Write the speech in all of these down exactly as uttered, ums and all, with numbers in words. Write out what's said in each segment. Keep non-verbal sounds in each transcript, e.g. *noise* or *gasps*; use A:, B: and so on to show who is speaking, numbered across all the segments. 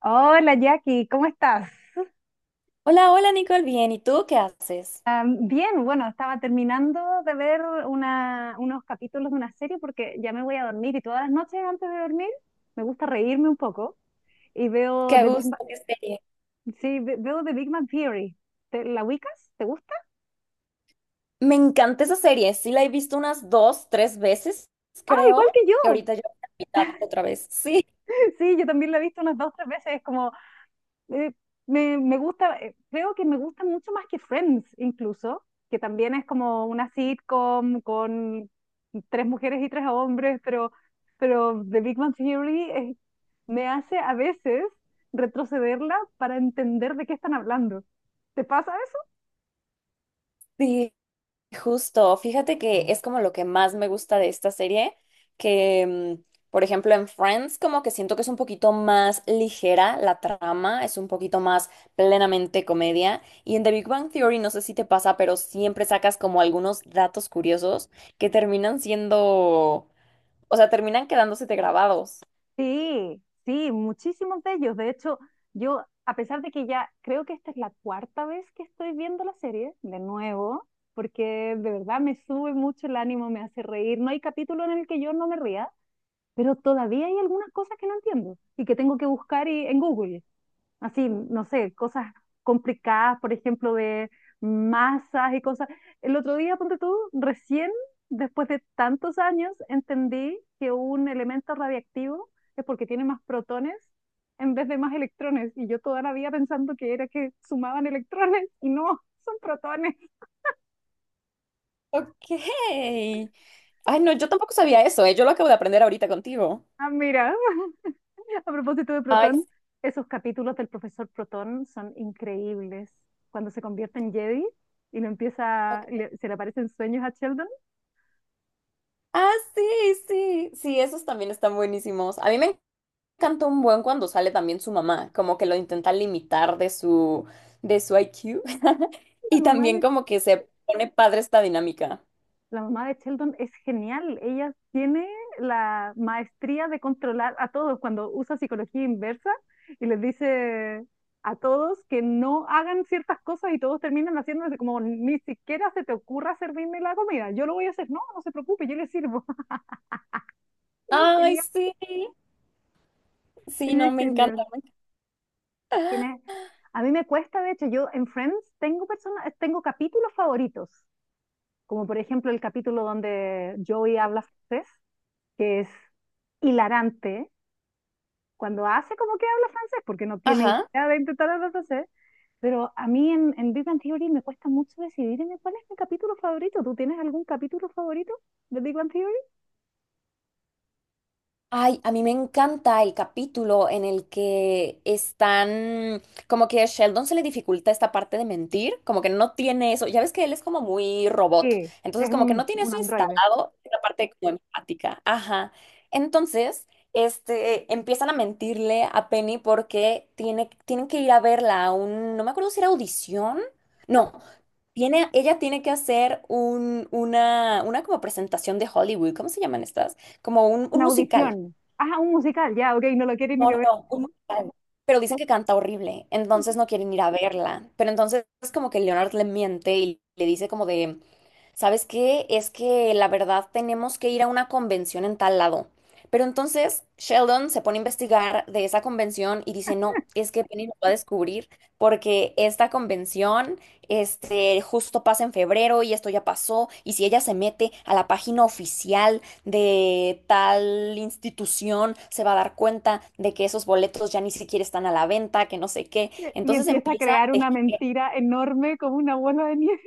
A: Hola Jackie, ¿cómo estás?
B: Hola, hola Nicole, bien. ¿Y tú qué haces?
A: Ah, bien, bueno, estaba terminando de ver una- unos capítulos de una serie porque ya me voy a dormir, y todas las noches antes de dormir me gusta reírme un poco, y veo
B: Qué
A: The Big Bang,
B: gusto, qué serie.
A: sí, ve- veo The Big Bang Theory. ¿Te, la ubicas? ¿Te gusta?
B: Me encanta esa serie. Sí, la he visto unas dos, tres veces,
A: Ah,
B: creo.
A: igual que
B: Y
A: yo.
B: ahorita yo la mitad otra vez. Sí,
A: *laughs* Sí, yo también la he visto unas dos, tres veces. Es como eh, me, me gusta, eh, creo que me gusta mucho más que Friends incluso, que también es como una sitcom con tres mujeres y tres hombres, pero, pero The Big Bang Theory eh, me hace a veces retrocederla para entender de qué están hablando. ¿Te pasa?
B: sí, justo. Fíjate que es como lo que más me gusta de esta serie, que, mm, por ejemplo, en Friends como que siento que es un poquito más ligera la trama, es un poquito más plenamente comedia. Y en The Big Bang Theory, no sé si te pasa, pero siempre sacas como algunos datos curiosos que terminan siendo O sea, terminan quedándose de grabados.
A: Sí, sí, muchísimos de ellos. De hecho, yo, a pesar de que ya creo que esta es la cuarta vez que estoy viendo la serie, de nuevo, porque de verdad me sube mucho el ánimo, me hace reír. No hay capítulo en el que yo no me ría, pero todavía hay algunas cosas que no entiendo y que tengo que buscar y- en Google, así, no sé, cosas complicadas, por ejemplo, de masas y cosas. El otro día, ponte tú, recién, después de tantos años, entendí que un elemento radiactivo es porque tiene más protones en vez de más electrones. Y yo toda la vida pensando que era que sumaban electrones *laughs* y no, son protones.
B: Ok. Ay, no, yo tampoco sabía eso, ¿eh? Yo lo acabo de aprender ahorita contigo.
A: Ah, mira, *laughs* a propósito de
B: Ay,
A: protón,
B: sí,
A: esos capítulos del profesor Protón son increíbles. Cuando se convierte en Jedi y lo empieza,
B: ok.
A: le- se le aparecen sueños a Sheldon.
B: Ah, sí, sí. Sí, esos también están buenísimos. A mí me encanta un buen cuando sale también su mamá, como que lo intenta limitar de su, de su I Q. *laughs*
A: la
B: Y
A: mamá
B: también
A: de,
B: como que se pone padre esta dinámica.
A: la mamá de Sheldon es genial. Ella tiene la maestría de controlar a todos cuando usa psicología inversa, y les dice a todos que no hagan ciertas cosas, y todos terminan haciéndose como: ni siquiera se te ocurra servirme la comida, yo lo voy a hacer. No, no se preocupe, yo le sirvo. *laughs* Ella es
B: Ay,
A: genial.
B: sí. Sí,
A: Ella
B: no,
A: es
B: me encanta.
A: genial.
B: me encanta.
A: Tiene- a mí me cuesta, de hecho, yo en Friends tengo personas, tengo capítulos favoritos, como por ejemplo el capítulo donde Joey habla francés, que es hilarante, cuando hace como que habla francés, porque no tiene
B: Ajá.
A: idea de intentar hablar francés. Pero a mí en, en, Big Bang Theory me cuesta mucho decidirme cuál es mi capítulo favorito. ¿Tú tienes algún capítulo favorito de Big Bang Theory?
B: Ay, a mí me encanta el capítulo en el que están, como que a Sheldon se le dificulta esta parte de mentir, como que no tiene eso, ya ves que él es como muy robot,
A: Sí,
B: entonces
A: es
B: como que no
A: un,
B: tiene
A: un
B: eso
A: androide,
B: instalado, la parte como empática, ajá. Entonces, este, empiezan a mentirle a Penny porque tiene, tienen que ir a verla a un, no me acuerdo si era audición, no, tiene, ella tiene que hacer un, una, una como presentación de Hollywood, ¿cómo se llaman estas? Como un un
A: una
B: musical.
A: audición. Ah, un musical, ya, ok, no lo quiere ni
B: No, no,
A: ver.
B: no, un musical. Pero dicen que canta horrible, entonces no quieren ir a verla. Pero entonces es como que Leonard le miente y le dice como de, ¿sabes qué? Es que la verdad tenemos que ir a una convención en tal lado. Pero entonces Sheldon se pone a investigar de esa convención y dice, no, es que Penny nos va a descubrir porque esta convención este, justo pasa en febrero y esto ya pasó. Y si ella se mete a la página oficial de tal institución se va a dar cuenta de que esos boletos ya ni siquiera están a la venta, que no sé qué.
A: *laughs* Y
B: Entonces
A: empieza a
B: empieza a
A: crear una
B: tejer.
A: mentira enorme, como una bola de nieve.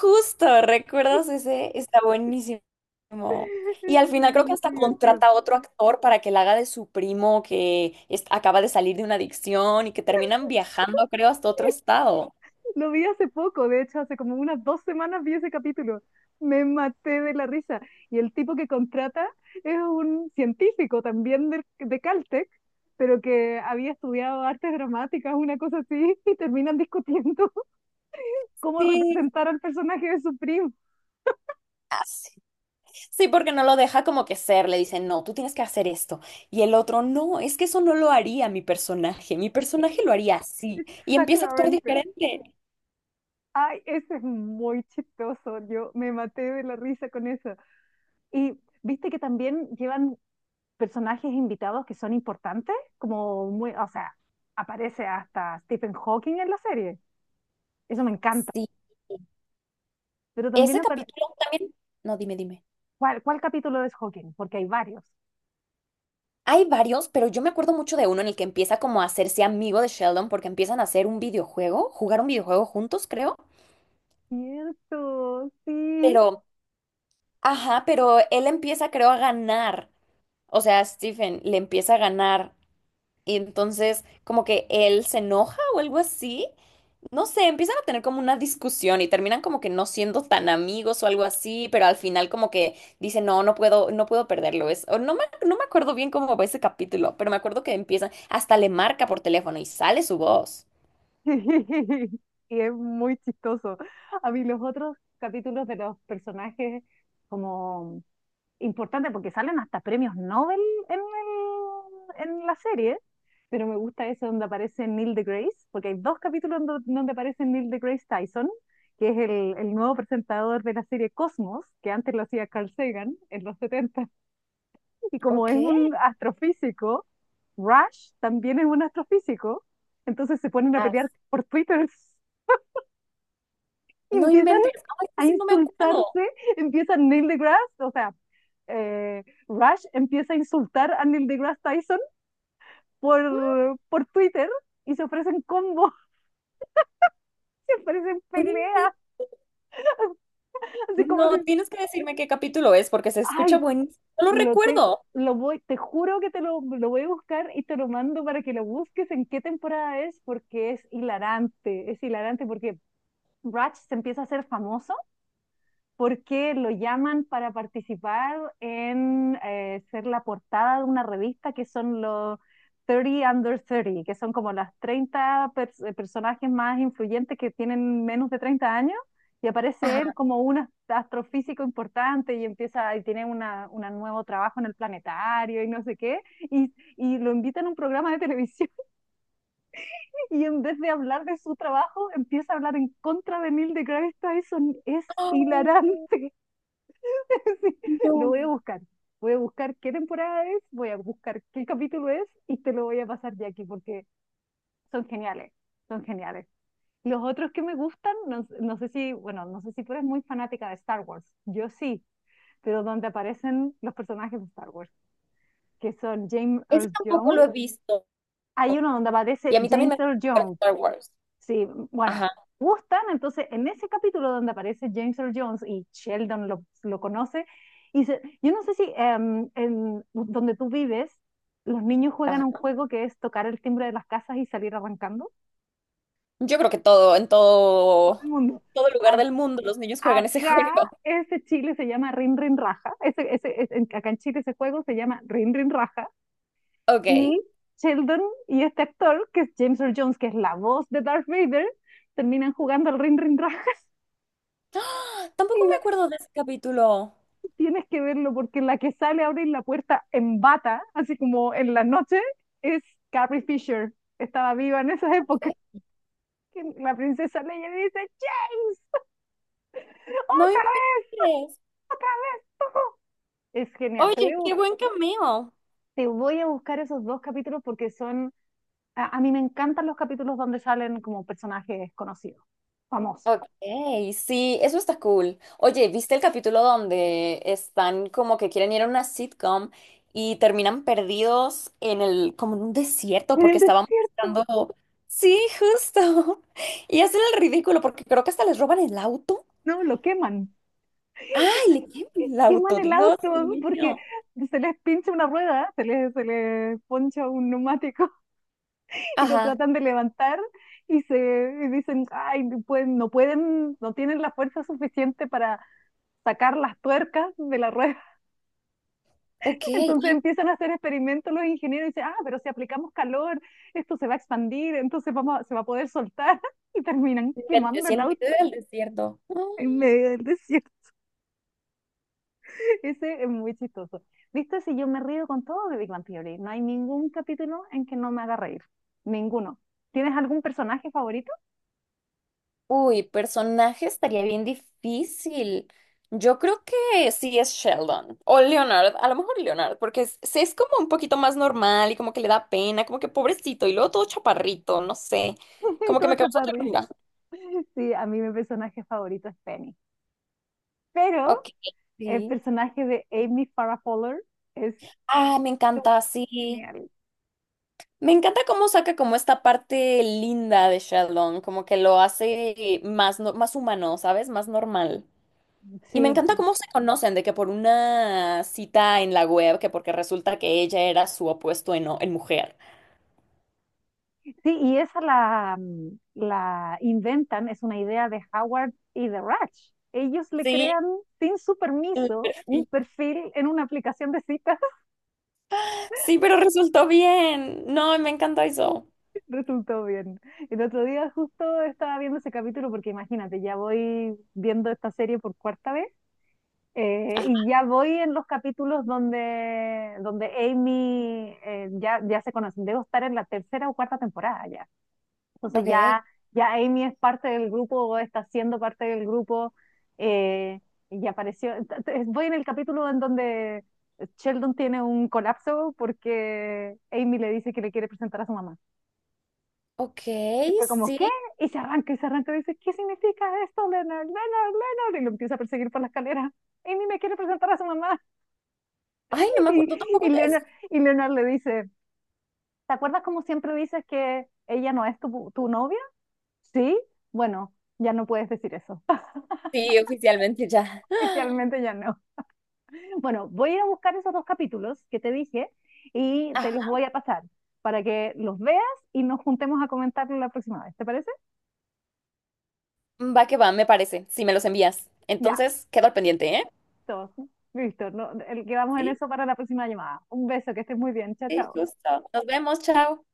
B: Justo, ¿recuerdas ese? Está buenísimo.
A: *laughs*
B: Y
A: Es
B: al final creo que
A: muy
B: hasta
A: divertido.
B: contrata a otro actor para que la haga de su primo que es- acaba de salir de una adicción y que terminan viajando, creo, hasta otro estado.
A: Lo vi hace poco, de hecho, hace como unas dos semanas vi ese capítulo. Me maté de la risa. Y el tipo que contrata es un científico también de, de Caltech, pero que había estudiado artes dramáticas, una cosa así, *laughs* y terminan discutiendo *laughs* cómo
B: Sí.
A: representar al personaje de su primo.
B: Sí, porque no lo deja como que ser, le dice, no, tú tienes que hacer esto. Y el otro, no, es que eso no lo haría mi personaje, mi personaje lo haría así. Y empieza a actuar
A: Exactamente.
B: diferente.
A: Ay, ese es muy chistoso. Yo me maté de la risa con eso. Y viste que también llevan personajes invitados que son importantes, como muy, o sea, aparece hasta Stephen Hawking en la serie. Eso me encanta.
B: Sí.
A: Pero también,
B: Ese
A: apare-
B: capítulo también, no, dime, dime.
A: ¿cuál, cuál capítulo es Hawking? Porque hay varios.
B: Hay varios, pero yo me acuerdo mucho de uno en el que empieza como a hacerse amigo de Sheldon porque empiezan a hacer un videojuego, jugar un videojuego juntos, creo.
A: Cierto, sí.
B: Pero, ajá, pero él empieza, creo, a ganar. O sea, Stephen le empieza a ganar. Y entonces, como que él se enoja o algo así. No sé, empiezan a tener como una discusión y terminan como que no siendo tan amigos o algo así, pero al final como que dicen, no, no puedo, no puedo perderlo. Es, o no me, no me acuerdo bien cómo va ese capítulo, pero me acuerdo que empiezan, hasta le marca por teléfono y sale su voz.
A: *laughs* Y es muy chistoso. A mí los otros capítulos de los personajes como importante, porque salen hasta premios Nobel en, el- en la serie, pero me gusta ese donde aparece Neil deGrasse, porque hay dos capítulos donde donde aparece Neil deGrasse Tyson, que es el, el nuevo presentador de la serie Cosmos, que antes lo hacía Carl Sagan en los setenta. *laughs* Y como
B: Ok.
A: es un astrofísico, Rush también es un astrofísico, entonces se ponen a
B: Ah,
A: pelear por Twitter, *laughs* y
B: no
A: empiezan
B: inventes. Ay,
A: a
B: ese no me acuerdo.
A: insultarse. Empieza Neil deGrasse, o sea, eh, Rush empieza a insultar a Neil deGrasse Tyson por, por Twitter, y se ofrecen combos, *laughs* se ofrecen
B: No, inven-
A: peleas, así como
B: no,
A: si...
B: tienes que decirme qué capítulo es porque se escucha
A: Ay,
B: buenísimo. No lo
A: lo te,
B: recuerdo.
A: lo voy, te juro que te lo, lo voy a buscar y te lo mando para que lo busques en qué temporada es, porque es hilarante, es hilarante, porque Rush se empieza a hacer famoso porque lo llaman para participar en eh, ser la portada de una revista, que son los thirty Under thirty, que son como las treinta pers- eh, personajes más influyentes que tienen menos de treinta años, y aparece él
B: Ajá.
A: como un ast- astrofísico importante, y empieza, y tiene una, una nuevo trabajo en el planetario y no sé qué, y, y lo invitan a un programa de televisión, *laughs* y en vez de hablar de su trabajo, empieza a hablar en contra de Neil deGrasse Tyson. Es
B: Ah,
A: hilarante. *laughs* Sí, lo
B: no,
A: voy a buscar. Voy a buscar qué temporada es, voy a buscar qué capítulo es, y te lo voy a pasar, Jackie, porque son geniales, son geniales. Los otros que me gustan, no, no sé si, bueno, no sé si tú eres muy fanática de Star Wars, yo sí, pero donde aparecen los personajes de Star Wars, que son James
B: ese
A: Earl
B: tampoco
A: Jones,
B: lo he visto.
A: hay uno donde aparece
B: Y a mí también
A: James
B: me
A: Earl
B: gusta
A: Jones.
B: Star Wars.
A: Sí, bueno,
B: Ajá.
A: gustan. Entonces, en ese capítulo donde aparece James Earl Jones y Sheldon lo, lo conoce, y dice, yo no sé si em, en donde tú vives, los niños juegan un juego que es tocar el timbre de las casas y salir arrancando.
B: Yo creo que todo, en
A: Todo el
B: todo,
A: mundo.
B: todo lugar
A: A-
B: del mundo los niños juegan ese *laughs*
A: Acá
B: juego.
A: ese Chile se llama Rin Rin Raja. Ese, ese, ese- en- acá en Chile ese juego se llama Rin Rin Raja.
B: Ok.
A: Y Sheldon y este actor, que es James Earl Jones, que es la voz de Darth Vader, terminan jugando al Rin Rin Raja. *laughs*
B: ¡Ah! Tampoco
A: Y
B: me acuerdo de ese capítulo.
A: tienes que verlo, porque la que sale a abrir la puerta en bata, así como en la noche, es Carrie Fisher. Estaba viva en esas épocas.
B: ¿Qué?
A: *laughs* La princesa Leia dice: James,
B: No me
A: otra vez,
B: inventes.
A: otra. vez. Es genial. Te voy
B: Oye,
A: a,
B: qué
A: bus-
B: buen cameo.
A: te voy a buscar esos dos capítulos, porque son... A, a mí me encantan los capítulos donde salen como personajes conocidos, famosos.
B: Ok, sí, eso está cool. Oye, ¿viste el capítulo donde están como que quieren ir a una sitcom y terminan perdidos en el, como en un desierto
A: En el
B: porque estaban
A: desierto.
B: buscando... Sí, justo. *laughs* Y hacen el ridículo porque creo que hasta les roban el auto.
A: No, lo queman.
B: ¡Ay, le queman el
A: Queman
B: auto!
A: el
B: ¡Dios
A: auto porque
B: mío!
A: se les pincha una rueda, se les, se les poncha un neumático, y lo
B: Ajá,
A: tratan de levantar, y se y dicen, ay, no pueden, no pueden, no tienen la fuerza suficiente para sacar las tuercas de la rueda.
B: ok.
A: *laughs* Entonces
B: ¡Ay,
A: empiezan a hacer experimentos los ingenieros, y dicen, ah, pero si aplicamos calor, esto se va a expandir, entonces vamos a- se va a poder soltar, *laughs* y terminan
B: no
A: quemando
B: inventes, y
A: el
B: en medio
A: auto
B: del desierto! Ah.
A: en medio del desierto. *laughs* Ese es muy chistoso. ¿Viste? Si yo me río con todo de Big Bang Theory, no hay ningún capítulo en que no me haga reír. Ninguno. ¿Tienes algún personaje favorito?
B: Uy, personaje estaría bien difícil. Yo creo que sí es Sheldon o Leonard, a lo mejor Leonard, porque es, sí es como un poquito más normal y como que le da pena, como que pobrecito y luego todo chaparrito, no sé,
A: *laughs*
B: como que
A: Todo
B: me causó
A: chaparrín.
B: ternura.
A: Sí, a mí mi personaje favorito es Penny. Pero
B: Ok,
A: el
B: sí.
A: personaje de Amy Farrah Fowler es
B: Ah, me encanta, sí.
A: genial.
B: Me encanta cómo saca como esta parte linda de Shenlong, como que lo hace más, no- más humano, ¿sabes? Más normal. Y me
A: Sí,
B: encanta cómo se conocen, de que por una cita en la web, que porque resulta que ella era su opuesto en, o- en mujer.
A: sí, y esa la, mm, la inventan, es una idea de Howard y de Ratch. Ellos le
B: Sí,
A: crean sin su
B: el
A: permiso un
B: perfil.
A: perfil en una aplicación de citas.
B: Sí, pero resultó bien. No, me encanta eso.
A: *laughs* Resultó bien. El otro día justo estaba viendo ese capítulo, porque imagínate, ya voy viendo esta serie por cuarta vez. Eh,
B: Ajá,
A: y ya voy en los capítulos donde, donde, Amy eh, ya, ya se conocen. Debo estar en la tercera o cuarta temporada ya. Entonces
B: ok,
A: ya, ya Amy es parte del grupo, o está siendo parte del grupo, eh, y apareció. ent- ent- Voy en el capítulo en donde Sheldon tiene un colapso porque Amy le dice que le quiere presentar a su mamá.
B: ok,
A: Y fue como:
B: sí.
A: ¿qué? Y se arranca y se arranca y dice, ¿qué significa esto, Leonard? Leonard, Leonard. Y lo empieza a perseguir por la escalera. Amy me quiere presentar a su mamá.
B: Ay, no me
A: Y,
B: acuerdo
A: y,
B: tampoco de eso.
A: Leonard, y Leonard le dice, ¿te acuerdas cómo siempre dices que ella no es tu, tu, novia? Sí, bueno, ya no puedes decir eso.
B: Sí, oficialmente ya.
A: *laughs*
B: *gasps*
A: Oficialmente ya no. Bueno, voy a ir a buscar esos dos capítulos que te dije y
B: Ah,
A: te los voy a pasar para que los veas y nos juntemos a comentarlo la próxima vez. ¿Te parece?
B: va que va, me parece. Si me los envías.
A: Ya,
B: Entonces, quedo al pendiente, ¿eh?
A: todos. Listo, no, el, quedamos en
B: Sí.
A: eso para la próxima llamada. Un beso, que estés muy bien. Chao,
B: Sí,
A: chao.
B: justo. Nos vemos, chao.